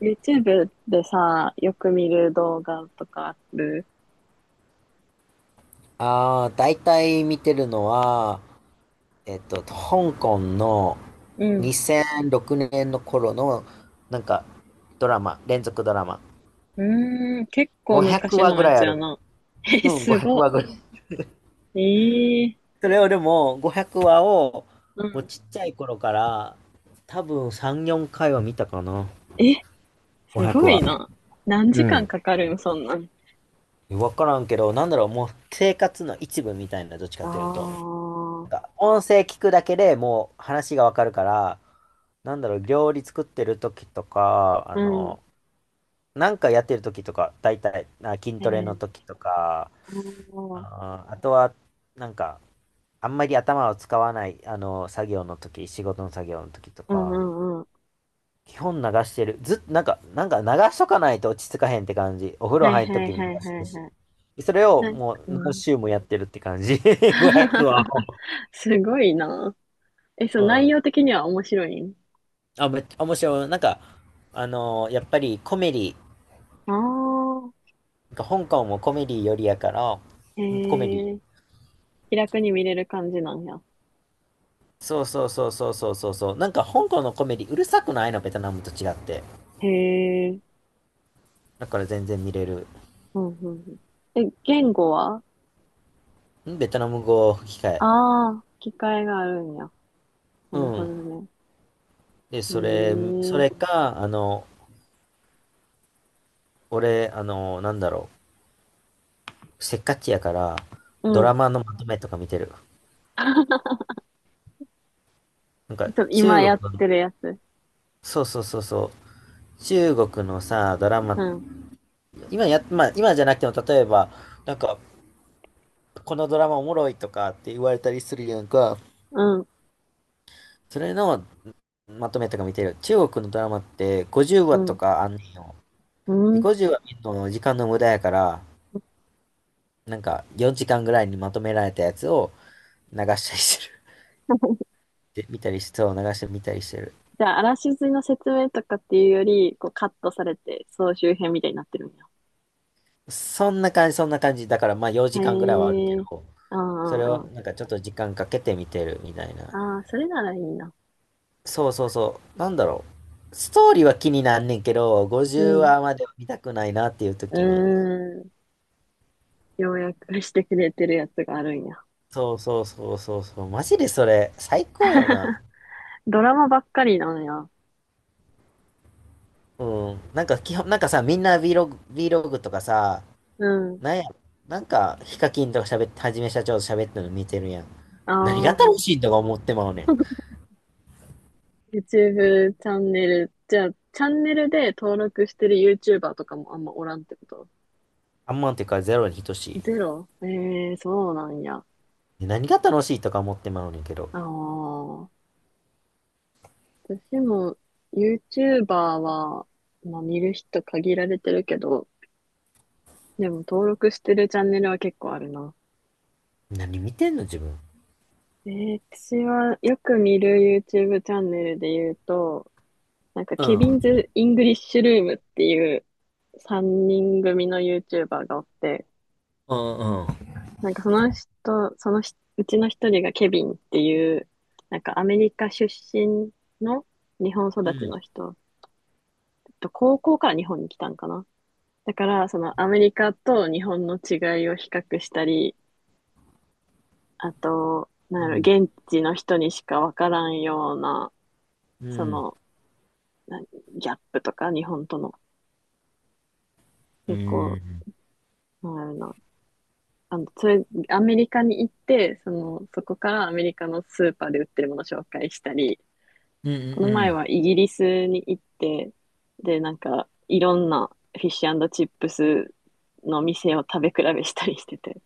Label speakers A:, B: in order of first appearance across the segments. A: YouTube でさ、よく見る動画とかある？
B: ああ、大体見てるのは、香港の
A: うん。
B: 2006年の頃の、なんか、ドラマ、連続ドラマ。
A: うーん。結構
B: 500
A: 昔
B: 話
A: の
B: ぐ
A: や
B: らい
A: つ
B: あ
A: や
B: る。
A: な。え、
B: うん、
A: す
B: 500
A: ご。
B: 話ぐらい。
A: ええ。
B: それをでも、500話を、
A: う
B: もう
A: ん。
B: ちっちゃい頃から、多分3、4回は見たかな。
A: え、す
B: 500
A: ご
B: 話。
A: いな。何
B: う
A: 時間
B: ん。
A: かかるん、そんなん。
B: わからんけど、なんだろう、もう生活の一部みたいな、どっち
A: あ
B: かというと。な
A: あ。
B: んか音声聞くだけでもう話がわかるから、なんだろう、料理作ってる時とか、
A: うん。
B: なんかやってる時とか、大体、あ、筋
A: え
B: トレの
A: ー、
B: 時とか、
A: あー、
B: あとは、なんか、あんまり頭を使わない、作業の時、仕事の作業の時と
A: うんう
B: か、
A: んうん。
B: 基本流してる。ずっと、なんか、流しとかないと落ち着かへんって感じ。お風
A: は
B: 呂
A: い
B: 入る
A: はい
B: 時も流
A: はい
B: して
A: は
B: る
A: い
B: し。
A: はい。
B: それを
A: なんか、
B: も
A: う
B: う何
A: ん。
B: 週もやってるって感じ。500は。
A: すごいな。え、そう、
B: う
A: 内容
B: ん。
A: 的には面白いん？
B: あ、めっちゃ面白い。なんか、やっぱりコメディ、
A: ああ
B: なんか香港もコメディよりやから、
A: ー、
B: コメディ。
A: ー気楽に見れる感じなんや。
B: そうそうそうそうそうそうそう。なんか香港のコメディうるさくないの、ベトナムと違って。
A: へえ。
B: だから全然見れる。
A: うんうんうん。え、言語は？
B: ベトナム語吹き替え。
A: ああー、機会があるんや。
B: う
A: なるほ
B: ん。
A: どね。
B: で、
A: へ
B: そ
A: え。
B: れか、俺、なんだろう。せっかちやから、ド
A: うん。ち
B: ラマのまとめとか見てる。なん
A: ょ
B: か、
A: っと今
B: 中
A: やっ
B: 国の、
A: てるやつ。
B: そうそうそうそう。中国のさ、ドラマ、
A: うん。
B: 今や、まあ、今じゃなくても、例えば、なんか、このドラマおもろいとかって言われたりするやんか。
A: うん。
B: それのまとめとか見てる。中国のドラマって50
A: う
B: 話と
A: ん。
B: かあんねんよ。
A: う
B: で、
A: ん。
B: 50話見るの時間の無駄やから、なんか4時間ぐらいにまとめられたやつを流したりしてる。で、見たりして、そう流して見たりしてる。
A: じゃあ、あらしずの説明とかっていうより、こうカットされて、総集編みたいになってるんや。
B: そんな感じ、そんな感じ。だからまあ
A: へ
B: 4時間ぐらいはあるけ
A: え。
B: ど、
A: あ
B: それ
A: あ、あ
B: を
A: あ。
B: なんかちょっと時間かけて見てるみたいな。
A: ああ、それならいいな。
B: そうそうそう。なんだろう。ストーリーは気になんねんけど、
A: う
B: 50
A: ん。
B: 話までは見たくないなっていう
A: う
B: 時に
A: ーん。要約してくれてるやつがあるんや。
B: そうそうそうそうそう。マジでそれ、最高よな。
A: ドラマばっかりなんや。
B: うん。なんか基本、なんかさ、みんな Vlog とかさ、
A: うん。
B: なんや、なんか、ヒカキンとか喋って、はじめ社長と喋ってるの見てるやん。
A: あ
B: 何が楽し
A: あ。
B: いとか思ってまうねん。
A: YouTube チャンネル。じゃあ、チャンネルで登録してる YouTuber とかもあんまおらんってこと？
B: あんまんっていうかゼロに等しい。
A: ゼロ、ええー、そうなんや。あ
B: ね何が楽しいとか思ってまうねんけど。
A: あ。私も YouTuber は、まあ見る人限られてるけど、でも登録してるチャンネルは結構あるな。
B: 何見てんの自分。
A: 私はよく見る YouTube チャンネルで言うと、なんか、
B: う
A: ケビン
B: ん。
A: ズ・イングリッシュルームっていう3人組の YouTuber がおって、
B: うんうん。
A: なんかその人、そのうちの一人がケビンっていう、なんかアメリカ出身の日本
B: う
A: 育ち
B: ん。
A: の人、高校から日本に来たんかな。だから、そのアメリカと日本の違いを比較したり、あと、なん
B: う
A: や
B: ん。
A: ろ、現地の人にしかわからんような、
B: う
A: そ
B: ん。
A: の、なギャップとか、日本との、
B: うん。
A: 結
B: う
A: 構、
B: ん
A: なんやろな、あの、それ、アメリカに行って、その、そこからアメリカのスーパーで売ってるものを紹介したり、
B: うんう
A: この前
B: ん。
A: はイギリスに行って、で、なんか、いろんなフィッシュチップスの店を食べ比べしたりしてて、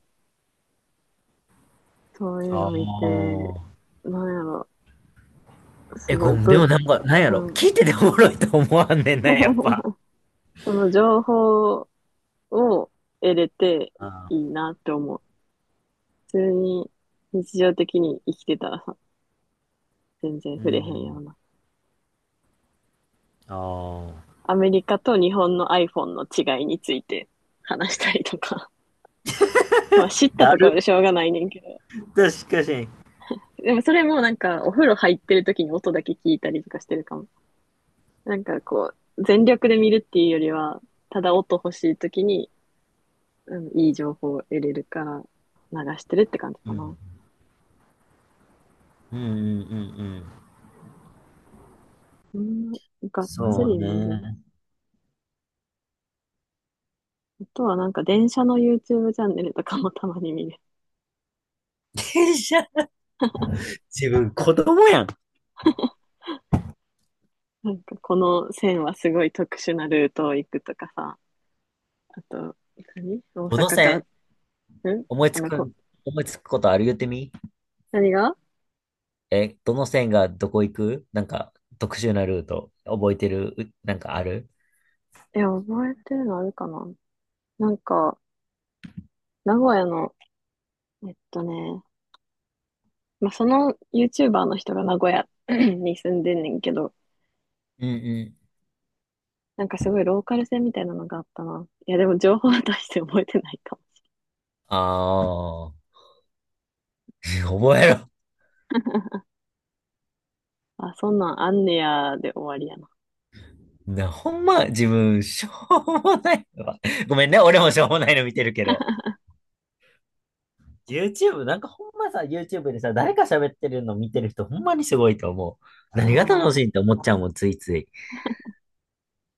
A: そういう
B: あ
A: の見て、
B: あ。
A: なんやろ、す
B: え、
A: ごい、
B: ごめん、でもなんか、なんや
A: う
B: ろ。
A: ん。
B: 聞いてておもろいと思わんねんな、やっぱ。
A: その情報を得れて
B: あ
A: いい
B: あ、
A: なって思う。普通に日常的に生きてたらさ、全然
B: う
A: 触れへん
B: ん。
A: ような。
B: ああ。
A: アメリカと日本の iPhone の違いについて話したりとか。まあ知った
B: だ
A: ところで
B: る
A: しょうがないねんけど。
B: っとしかし、
A: でもそれもなんかお風呂入ってる時に音だけ聞いたりとかしてるかも。なんかこう、全力で見るっていうよりは、ただ音欲しい時に、うん、いい情報を得れるから流してるって感じ
B: う
A: か
B: ん。
A: な。
B: うんうんうんうん。
A: うん、がっつ
B: そう
A: り見る。
B: ね。
A: あとはなんか電車の YouTube チャンネルとかもたまに見る。
B: 電車、自分子供やん。
A: なんかこの線はすごい特殊なルートを行くとかさ。あと、何、大
B: どの
A: 阪から、
B: 線
A: ん、
B: 思い
A: あ
B: つ
A: の、こ、
B: く、思いつくことある言ってみ
A: 何が、
B: え、どの線がどこ行くなんか特殊なルート覚えてるなんかある
A: いや、覚えてるのあるかな。なんか、名古屋の、えっとね、まあ、その YouTuber の人が名古屋 に住んでんねんけど、
B: うんうん。
A: なんかすごいローカル線みたいなのがあったな。いや、でも情報は大して覚えてないかも。
B: ああ、覚えろ。
A: あ、そんなんあんねやで終わりやな。
B: な、ほんま、自分、しょうもないわ。ごめんね、俺もしょうもないの見てるけど。YouTube、なんかほんまさ、YouTube でさ、誰か喋ってるの見てる人ほんまにすごいと思う。
A: あ
B: 何が楽しいって
A: あ。
B: 思っちゃうもん、ついつい。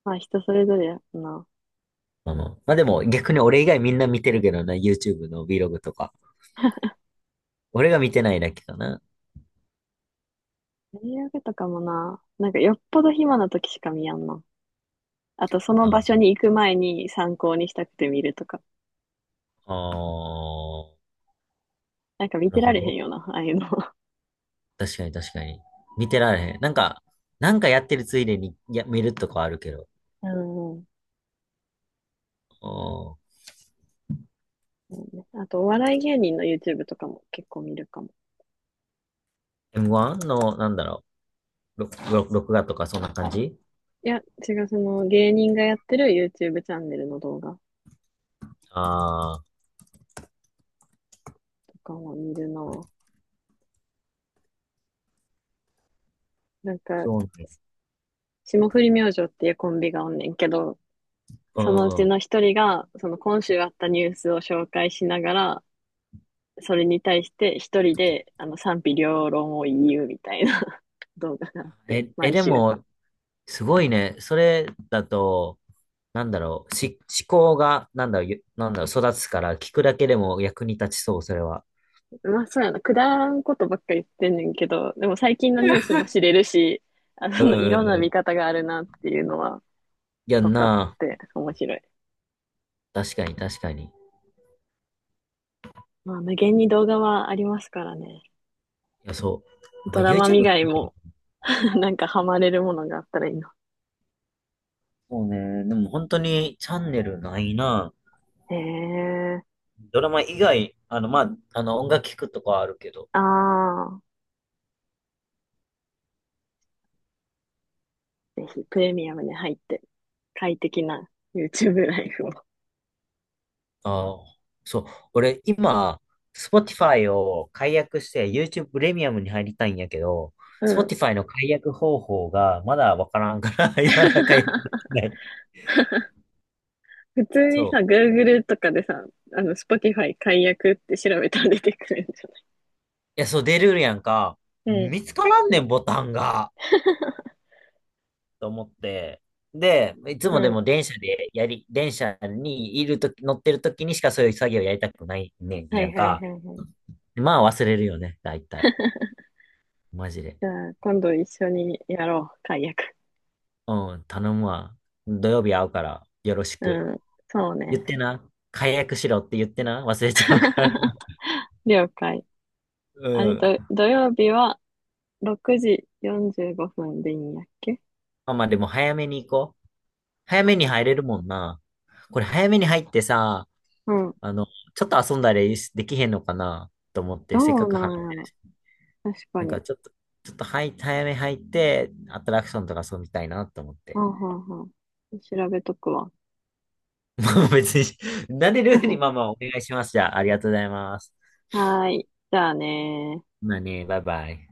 A: まあ人それぞれやな。
B: うん。まあでも逆に俺以外みんな見てるけどな、YouTube の Vlog とか。俺が見てないだけかな。
A: 大げとかもな、なんかよっぽど暇な時しか見やんな。あとその場
B: あ
A: 所に行く前に参考にしたくて見るとか。
B: あー、
A: なんか見
B: な
A: て
B: る
A: ら
B: ほ
A: れへ
B: ど。
A: んよな、ああいうの。
B: 確かに確かに。見てられへん。なんか、やってるついでに見るとかあるけど。
A: うん。
B: う
A: そうね、あと、お笑い芸人の YouTube とかも結構見るかも。
B: M1 の、なんだろう、録画とかそんな感じ。
A: いや、違う、その芸人がやってる YouTube チャンネルの動画
B: ああー、
A: とかも見るな。なんか、
B: そうね。
A: 霜降り明星っていうコンビがおんねんけど、
B: う
A: そのうち
B: ん。
A: の一人が、その今週あったニュースを紹介しながら、それに対して一人で、あの、賛否両論を言うみたいな 動画があって、
B: え、え、
A: 毎
B: で
A: 週。
B: も、すごいね。それだと、なんだろう、思考が、なんだろう、なんだろう、育つから、聞くだけでも役に立ちそう、それは。
A: まあ、そうやな。くだらんことばっかり言ってんねんけど、でも最近のニュースも知れるし、あ
B: う
A: の、い
B: んうん
A: ろんな
B: う
A: 見
B: ん。
A: 方があるなっていうのは、
B: いや
A: 分
B: ん
A: かっ
B: な
A: て、面白い。
B: あ。確かに、確かに。い
A: まあ、無限に動画はありますからね。
B: や、そう。な
A: ド
B: んか
A: ラマ以
B: YouTube っ
A: 外
B: て
A: も
B: る、
A: なんかハマれるものがあったらいいな。
B: そうね。でも本当にチャンネルないな。
A: へえ。
B: ドラマ以外、まあ、音楽聞くとかはあるけど、
A: ああ、ぜひプレミアムに入って、快適な YouTube ライフを。
B: ああ、そう。俺、今、Spotify を解約して YouTube プレミアムに入りたいんやけど、
A: うん。
B: Spotify の解約方法がまだわからんから、今だ解約でき ない。
A: 普通に
B: そ
A: さ、
B: う。
A: Google とかでさ、あの、Spotify 解約って調べたら出てくるんじ
B: いや、そう、出るやんか。
A: ゃない？
B: 見つからんねん、ボタンが。と思って。で、いつ
A: う
B: も
A: ん、
B: で
A: うん。
B: も電車でやり、電車にいるとき、乗ってるときにしかそういう作業やりたくないねん
A: は
B: や
A: い
B: ん
A: はい
B: か。
A: はいはい。
B: まあ忘れるよね、大体。マジで。
A: じゃあ、今度一緒にやろう、解約。
B: うん、頼むわ。土曜日会うから、よろしく。
A: うん、そう
B: 言っ
A: ね。
B: てな。解約しろって言ってな。忘れちゃうから。
A: 了解。
B: う
A: あれ
B: ん。
A: と、土曜日は6時45分でいいんやっけ？
B: まあまあでも早めに行こう。早めに入れるもんな。これ早めに入ってさ、
A: うん。
B: あの、ちょっと遊んだりできへんのかなと思って、
A: ど
B: せっか
A: う
B: く払
A: な
B: っ
A: ん
B: て。
A: やろ。確か
B: なん
A: に。
B: かちょっと、ちょっと早め入って、アトラクションとか遊びたいなと思っ
A: う
B: て。
A: んうんうん。調べとくわ。
B: まあ別に、慣れるようにまあ まあお願いします。じゃあ、ありがとうございます。
A: はーい。じゃあねー。
B: まあね、バイバイ。